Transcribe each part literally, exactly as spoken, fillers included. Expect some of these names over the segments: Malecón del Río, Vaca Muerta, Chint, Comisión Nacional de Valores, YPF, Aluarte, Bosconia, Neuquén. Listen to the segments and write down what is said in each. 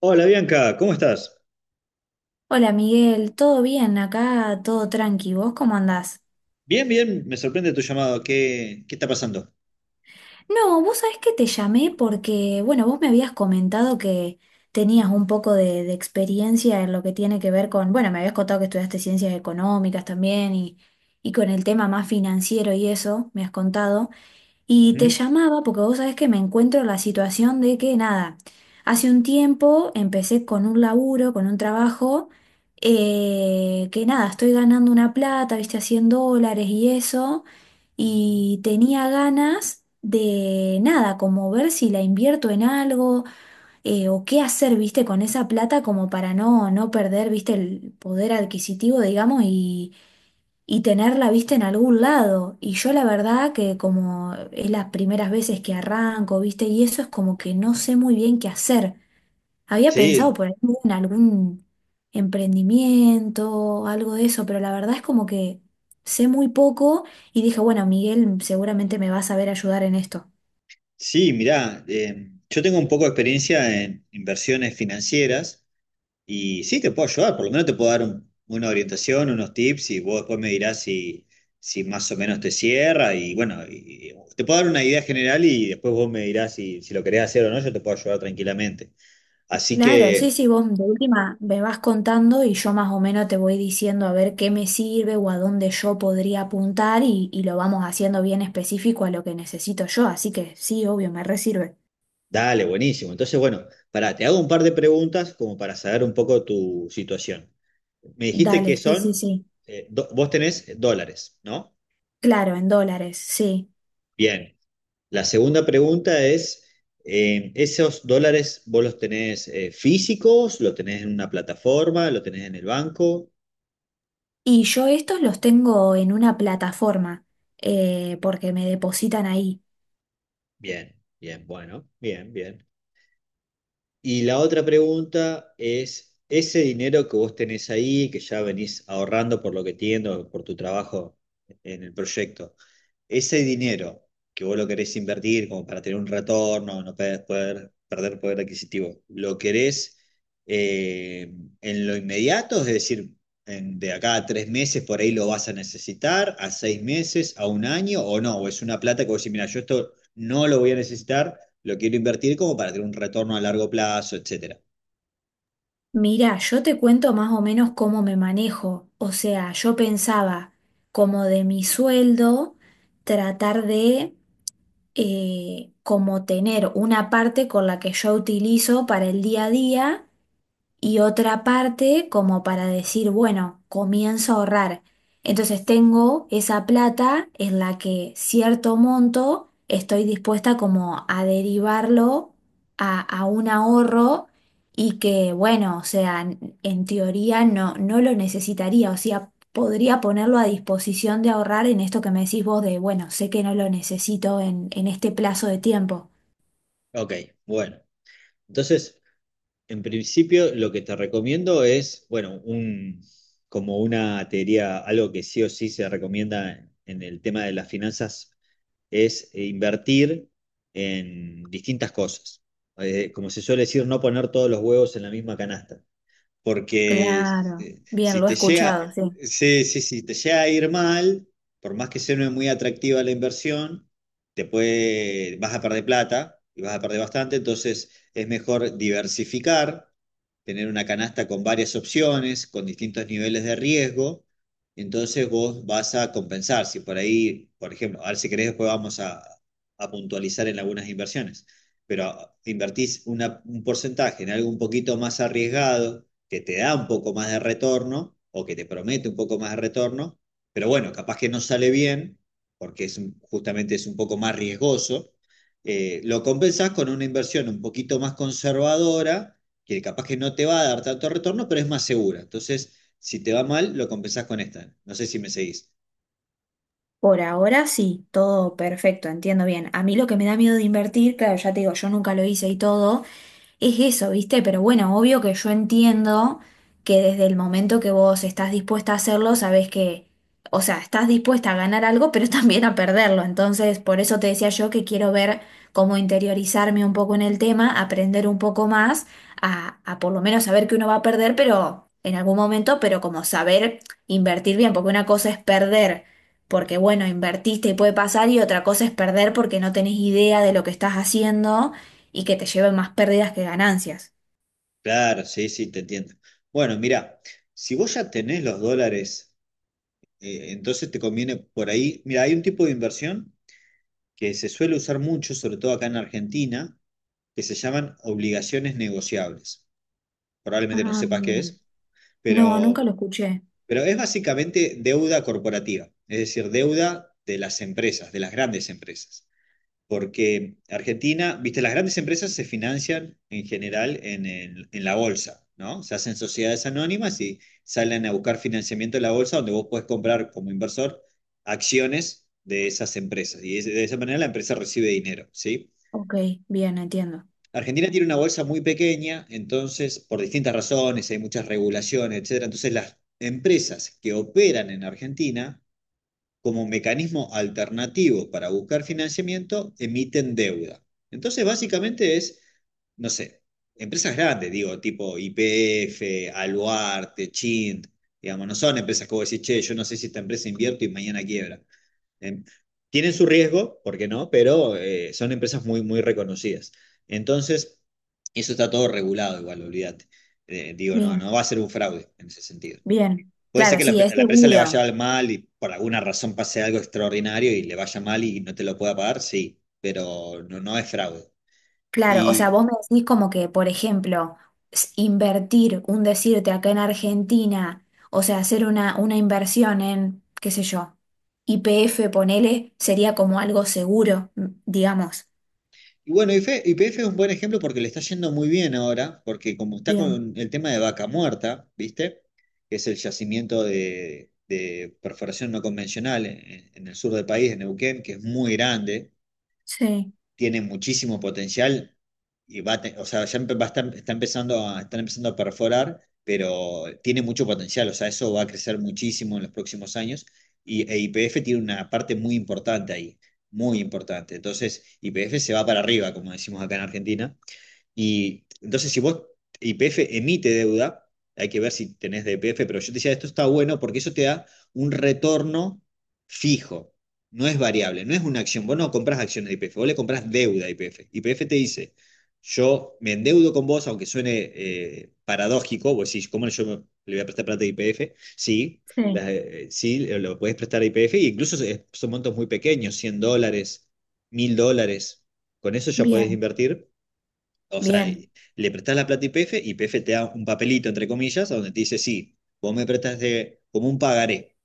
Hola Bianca, ¿cómo estás? Hola Miguel, ¿todo bien? Acá todo tranqui, ¿vos cómo andás? Bien, bien, me sorprende tu llamado. ¿Qué, qué está pasando? No, vos sabés que te llamé porque, bueno, vos me habías comentado que tenías un poco de, de experiencia en lo que tiene que ver con, bueno, me habías contado que estudiaste ciencias económicas también y, y con el tema más financiero y eso, me has contado. Y te Ujú. llamaba porque vos sabés que me encuentro en la situación de que nada, hace un tiempo empecé con un laburo, con un trabajo, eh, que nada, estoy ganando una plata, viste, a cien dólares y eso, y tenía ganas de nada, como ver si la invierto en algo, eh, o qué hacer, viste, con esa plata como para no, no perder, viste, el poder adquisitivo, digamos, y tenerla vista en algún lado. Y yo la verdad que como es las primeras veces que arranco, viste, y eso es como que no sé muy bien qué hacer. Había pensado Sí, por ahí en algún emprendimiento, algo de eso, pero la verdad es como que sé muy poco y dije, bueno, Miguel seguramente me va a saber ayudar en esto. sí, mirá, eh, yo tengo un poco de experiencia en inversiones financieras. Y sí, te puedo ayudar, por lo menos te puedo dar un- una orientación, unos tips y vos después me dirás si, si más o menos te cierra y bueno, y- y te puedo dar una idea general y después vos me dirás si, si lo querés hacer o no, yo te puedo ayudar tranquilamente. Así Claro, sí, que sí, vos de última me vas contando y yo más o menos te voy diciendo a ver qué me sirve o a dónde yo podría apuntar y, y lo vamos haciendo bien específico a lo que necesito yo, así que sí, obvio, me resirve. dale, buenísimo. Entonces, bueno, pará, te hago un par de preguntas como para saber un poco tu situación. Me dijiste Dale, que sí, sí, son, sí. eh, do- vos tenés dólares, ¿no? Claro, en dólares, sí. Bien. La segunda pregunta es, eh, ¿esos dólares vos los tenés eh, físicos? ¿Lo tenés en una plataforma? ¿Lo tenés en el banco? Y yo estos los tengo en una plataforma eh, porque me depositan ahí. Bien, bien, bueno, bien, bien. Y la otra pregunta es, ese dinero que vos tenés ahí, que ya venís ahorrando por lo que entiendo, por tu trabajo en el proyecto, ese dinero que vos lo querés invertir como para tener un retorno, no pe- poder, perder poder adquisitivo, ¿lo querés eh, en lo inmediato? Es decir, en- de acá a tres meses por ahí lo vas a necesitar, a seis meses, a un año o no, o es una plata que vos decís, mira, yo esto no lo voy a necesitar, lo quiero invertir como para tener un retorno a largo plazo, etcétera. Mira, yo te cuento más o menos cómo me manejo. O sea, yo pensaba como de mi sueldo tratar de eh, como tener una parte con la que yo utilizo para el día a día y otra parte como para decir, bueno, comienzo a ahorrar. Entonces tengo esa plata en la que cierto monto estoy dispuesta como a derivarlo a, a un ahorro y que, bueno, o sea, en en teoría no, no lo necesitaría, o sea, podría ponerlo a disposición de ahorrar en esto que me decís vos de, bueno, sé que no lo necesito en, en este plazo de tiempo. Ok, bueno. Entonces, en principio, lo que te recomiendo es, bueno, un, como una teoría, algo que sí o sí se recomienda en el tema de las finanzas, es eh, invertir en distintas cosas. Eh, como se suele decir, no poner todos los huevos en la misma canasta porque Claro, eh, bien, si lo he te llega, escuchado, sí. sí, sí, sí te llega a ir mal, por más que sea no es muy atractiva la inversión, te puede, vas a perder plata y vas a perder bastante, entonces es mejor diversificar, tener una canasta con varias opciones, con distintos niveles de riesgo, entonces vos vas a compensar. Si por ahí, por ejemplo, ahora si querés después vamos a, a puntualizar en algunas inversiones, pero invertís una- un porcentaje en algo un poquito más arriesgado que te da un poco más de retorno o que te promete un poco más de retorno, pero bueno, capaz que no sale bien porque es justamente es un poco más riesgoso, eh, lo compensas con una inversión un poquito más conservadora, que capaz que no te va a dar tanto retorno, pero es más segura. Entonces, si te va mal, lo compensás con esta. No sé si me seguís. Por ahora sí, todo perfecto, entiendo bien. A mí lo que me da miedo de invertir, claro, ya te digo, yo nunca lo hice y todo, es eso, ¿viste? Pero bueno, obvio que yo entiendo que desde el momento que vos estás dispuesta a hacerlo, sabés que, o sea, estás dispuesta a ganar algo, pero también a perderlo. Entonces, por eso te decía yo que quiero ver cómo interiorizarme un poco en el tema, aprender un poco más, a, a por lo menos saber que uno va a perder, pero en algún momento, pero como saber invertir bien, porque una cosa es perder. Porque bueno, invertiste y puede pasar y otra cosa es perder porque no tenés idea de lo que estás haciendo y que te lleve más pérdidas que ganancias. Claro, sí, sí, te entiendo. Bueno, mirá, si vos ya tenés los dólares, eh, entonces te conviene por ahí. Mira, hay un tipo de inversión que se suele usar mucho, sobre todo acá en Argentina, que se llaman obligaciones negociables. Probablemente no Ah, sepas qué bien. es, No, nunca pero, lo escuché. pero es básicamente deuda corporativa, es decir, deuda de las empresas, de las grandes empresas. Porque Argentina, viste, las grandes empresas se financian en general en, el- en la bolsa, ¿no? Se hacen sociedades anónimas y salen a buscar financiamiento en la bolsa donde vos podés comprar como inversor acciones de esas empresas. Y de esa manera la empresa recibe dinero, ¿sí? Ok, bien, entiendo. Argentina tiene una bolsa muy pequeña, entonces, por distintas razones, hay muchas regulaciones, etcétera. Entonces, las empresas que operan en Argentina, como mecanismo alternativo para buscar financiamiento, emiten deuda. Entonces, básicamente es, no sé, empresas grandes, digo, tipo Y P F, Aluarte, Chint, digamos, no son empresas que vos decís, che, yo no sé si esta empresa invierto y mañana quiebra. Eh, tienen su riesgo, ¿por qué no? Pero eh, son empresas muy, muy reconocidas. Entonces, eso está todo regulado igual, olvídate. Eh, digo, no, no Bien, va a ser un fraude en ese sentido. bien. Puede ser Claro, que la, sí, es a la empresa le seguro. vaya mal y por alguna razón pase algo extraordinario y le vaya mal y no te lo pueda pagar, sí, pero no, no es fraude. Claro, o sea, Y vos me decís como que, por ejemplo, s- invertir, un decirte acá en Argentina, o sea, hacer una, una inversión en, qué sé yo, Y P F, ponele, sería como algo seguro, mm, digamos. Y bueno, Y P F es un buen ejemplo porque le está yendo muy bien ahora, porque como está Bien, con el tema de Vaca Muerta, ¿viste? Que es el yacimiento de, de perforación no convencional en, en el sur del país, en Neuquén, que es muy grande, sí, tiene muchísimo potencial y va a te- o sea, ya empe- va a estar- está empezando a, están empezando a perforar, pero tiene mucho potencial, o sea, eso va a crecer muchísimo en los próximos años y e Y P F tiene una parte muy importante ahí, muy importante. Entonces, Y P F se va para arriba, como decimos acá en Argentina, y entonces, si vos, Y P F emite deuda, hay que ver si tenés de Y P F, pero yo te decía, esto está bueno porque eso te da un retorno fijo, no es variable, no es una acción. Vos no compras acciones de Y P F, vos le compras deuda a Y P F. Y P F te dice, yo me endeudo con vos, aunque suene eh, paradójico, vos decís, ¿cómo yo me- le voy a prestar plata a Y P F? Sí, sí, la- eh, sí, lo puedes prestar a Y P F, e incluso son montos muy pequeños, cien dólares, mil dólares. Con eso ya podés bien, invertir o sea, bien, le prestás la plata a I P F y I P F te da un papelito, entre comillas, donde te dice, sí, vos me prestaste como un pagaré.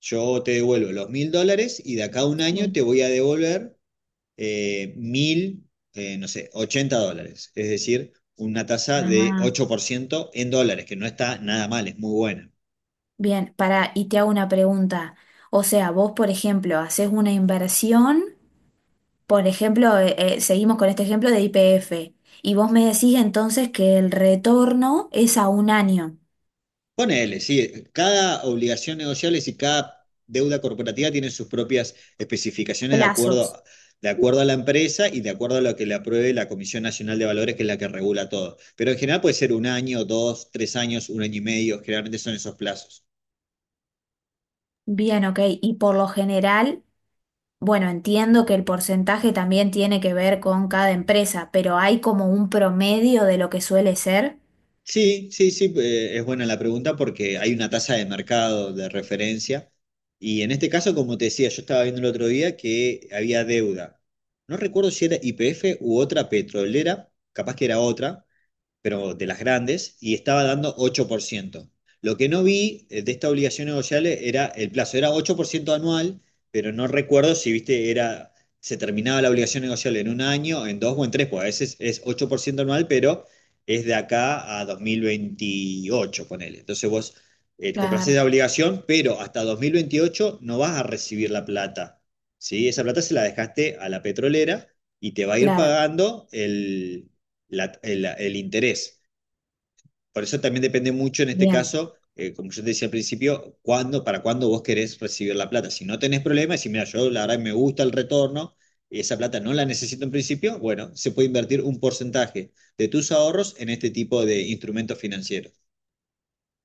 Yo te devuelvo los mil dólares y de acá a un año te sí. voy a devolver eh, mil, eh, no sé, ochenta dólares. Es decir, una tasa de Ah. ocho por ciento en dólares, que no está nada mal, es muy buena. Bien, para, y te hago una pregunta. O sea, vos, por ejemplo, haces una inversión, por ejemplo, eh, eh, seguimos con este ejemplo de Y P F, y vos me decís entonces que el retorno es a un año, Ponele, sí, cada obligación negociable y cada deuda corporativa tiene sus propias especificaciones de plazos. acuerdo, de acuerdo a la empresa y de acuerdo a lo que le apruebe la Comisión Nacional de Valores, que es la que regula todo. Pero en general puede ser un año, dos, tres años, un año y medio, generalmente son esos plazos. Bien, ok, y por lo general, bueno, entiendo que el porcentaje también tiene que ver con cada empresa, pero hay como un promedio de lo que suele ser. Sí, sí, sí, eh, es buena la pregunta porque hay una tasa de mercado de referencia y en este caso, como te decía, yo estaba viendo el otro día que había deuda. No recuerdo si era Y P F u otra petrolera, capaz que era otra pero de las grandes, y estaba dando ocho por ciento. Lo que no vi eh, de esta obligación negociable era el plazo, era ocho por ciento anual, pero no recuerdo si, viste, era, se terminaba la obligación negociable en un año, en dos o en tres, pues a veces es ocho por ciento anual, pero es de acá a dos mil veintiocho, ponele. Entonces vos eh, compras Claro, esa obligación, pero hasta dos mil veintiocho no vas a recibir la plata, ¿sí? Esa plata se la dejaste a la petrolera y te va a ir claro, pagando el, la- el, el interés. Por eso también depende mucho en este bien. caso, eh, como yo te decía al principio, cuándo, para cuándo vos querés recibir la plata. Si no tenés problemas, si mira, yo la verdad me gusta el retorno y esa plata no la necesito en principio, bueno, se puede invertir un porcentaje de tus ahorros en este tipo de instrumentos financieros.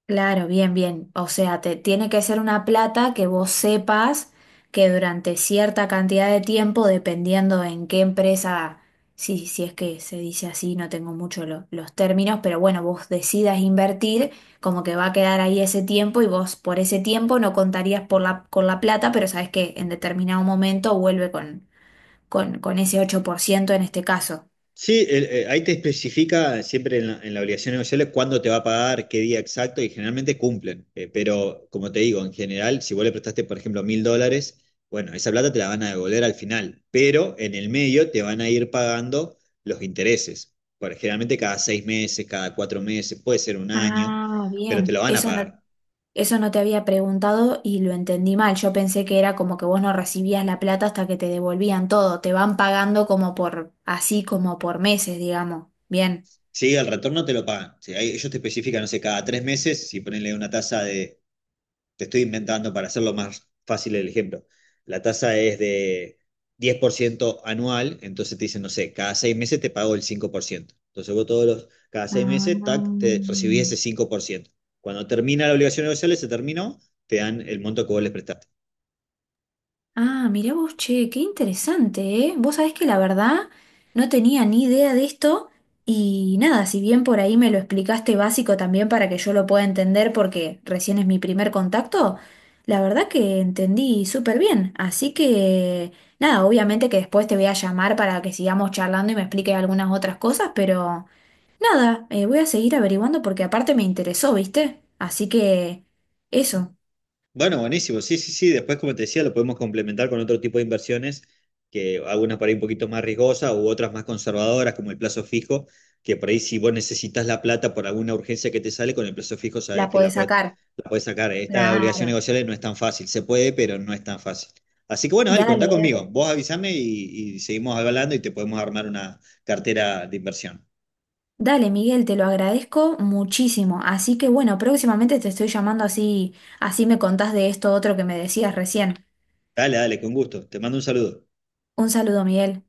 Claro, bien, bien. O sea, te tiene que ser una plata que vos sepas que durante cierta cantidad de tiempo, dependiendo en qué empresa, sí, si es que se dice así, no tengo mucho lo- los términos, pero bueno, vos decidas invertir, como que va a quedar ahí ese tiempo y vos por ese tiempo no contarías por la, con la plata, pero sabes que en determinado momento vuelve con, con, con ese ocho por ciento en este caso. Sí, el- eh, ahí te especifica siempre en la, en la obligación negociable cuándo te va a pagar, qué día exacto y generalmente cumplen. Eh, pero como te digo, en general, si vos le prestaste, por ejemplo, mil dólares, bueno, esa plata te la van a devolver al final, pero en el medio te van a ir pagando los intereses. Por, generalmente cada seis meses, cada cuatro meses, puede ser un año, Ah, pero te bien. lo van a Eso no. pagar. Eso no te había preguntado y lo entendí mal. Yo pensé que era como que vos no recibías la plata hasta que te devolvían todo. Te van pagando como por, así como por meses, digamos. Bien. Sí, el retorno te lo pagan. Sí, ahí ellos te especifican, no sé, cada tres meses, si ponenle una tasa de te estoy inventando para hacerlo más fácil el ejemplo. La tasa es de diez por ciento anual, entonces te dicen, no sé, cada seis meses te pago el cinco por ciento. Entonces vos todos los, cada seis Ah. meses, tac, te recibís ese cinco por ciento. Cuando termina la obligación negociable, se terminó, te dan el monto que vos les prestaste. Ah, mirá vos, che, qué interesante, ¿eh? Vos sabés que la verdad no tenía ni idea de esto y nada, si bien por ahí me lo explicaste básico también para que yo lo pueda entender porque recién es mi primer contacto, la verdad que entendí súper bien. Así que nada, obviamente que después te voy a llamar para que sigamos charlando y me expliques algunas otras cosas, pero nada, eh, voy a seguir averiguando porque aparte me interesó, ¿viste? Así que eso, Bueno, buenísimo. Sí, sí, sí. Después, como te decía, lo podemos complementar con otro tipo de inversiones, que algunas por ahí un poquito más riesgosas u otras más conservadoras, como el plazo fijo, que por ahí si vos necesitas la plata por alguna urgencia que te sale, con el plazo fijo sabes la que la podés puedes, sacar. la puedes sacar. Esta obligación Claro. negociable no es tan fácil. Se puede, pero no es tan fácil. Así que bueno, dale, Dale, contá conmigo. dale. Vos avísame y, y seguimos hablando y te podemos armar una cartera de inversión. Dale, Miguel, te lo agradezco muchísimo. Así que bueno, próximamente te estoy llamando así, así me contás de esto otro que me decías recién. Dale, dale, con gusto. Te mando un saludo. Un saludo, Miguel.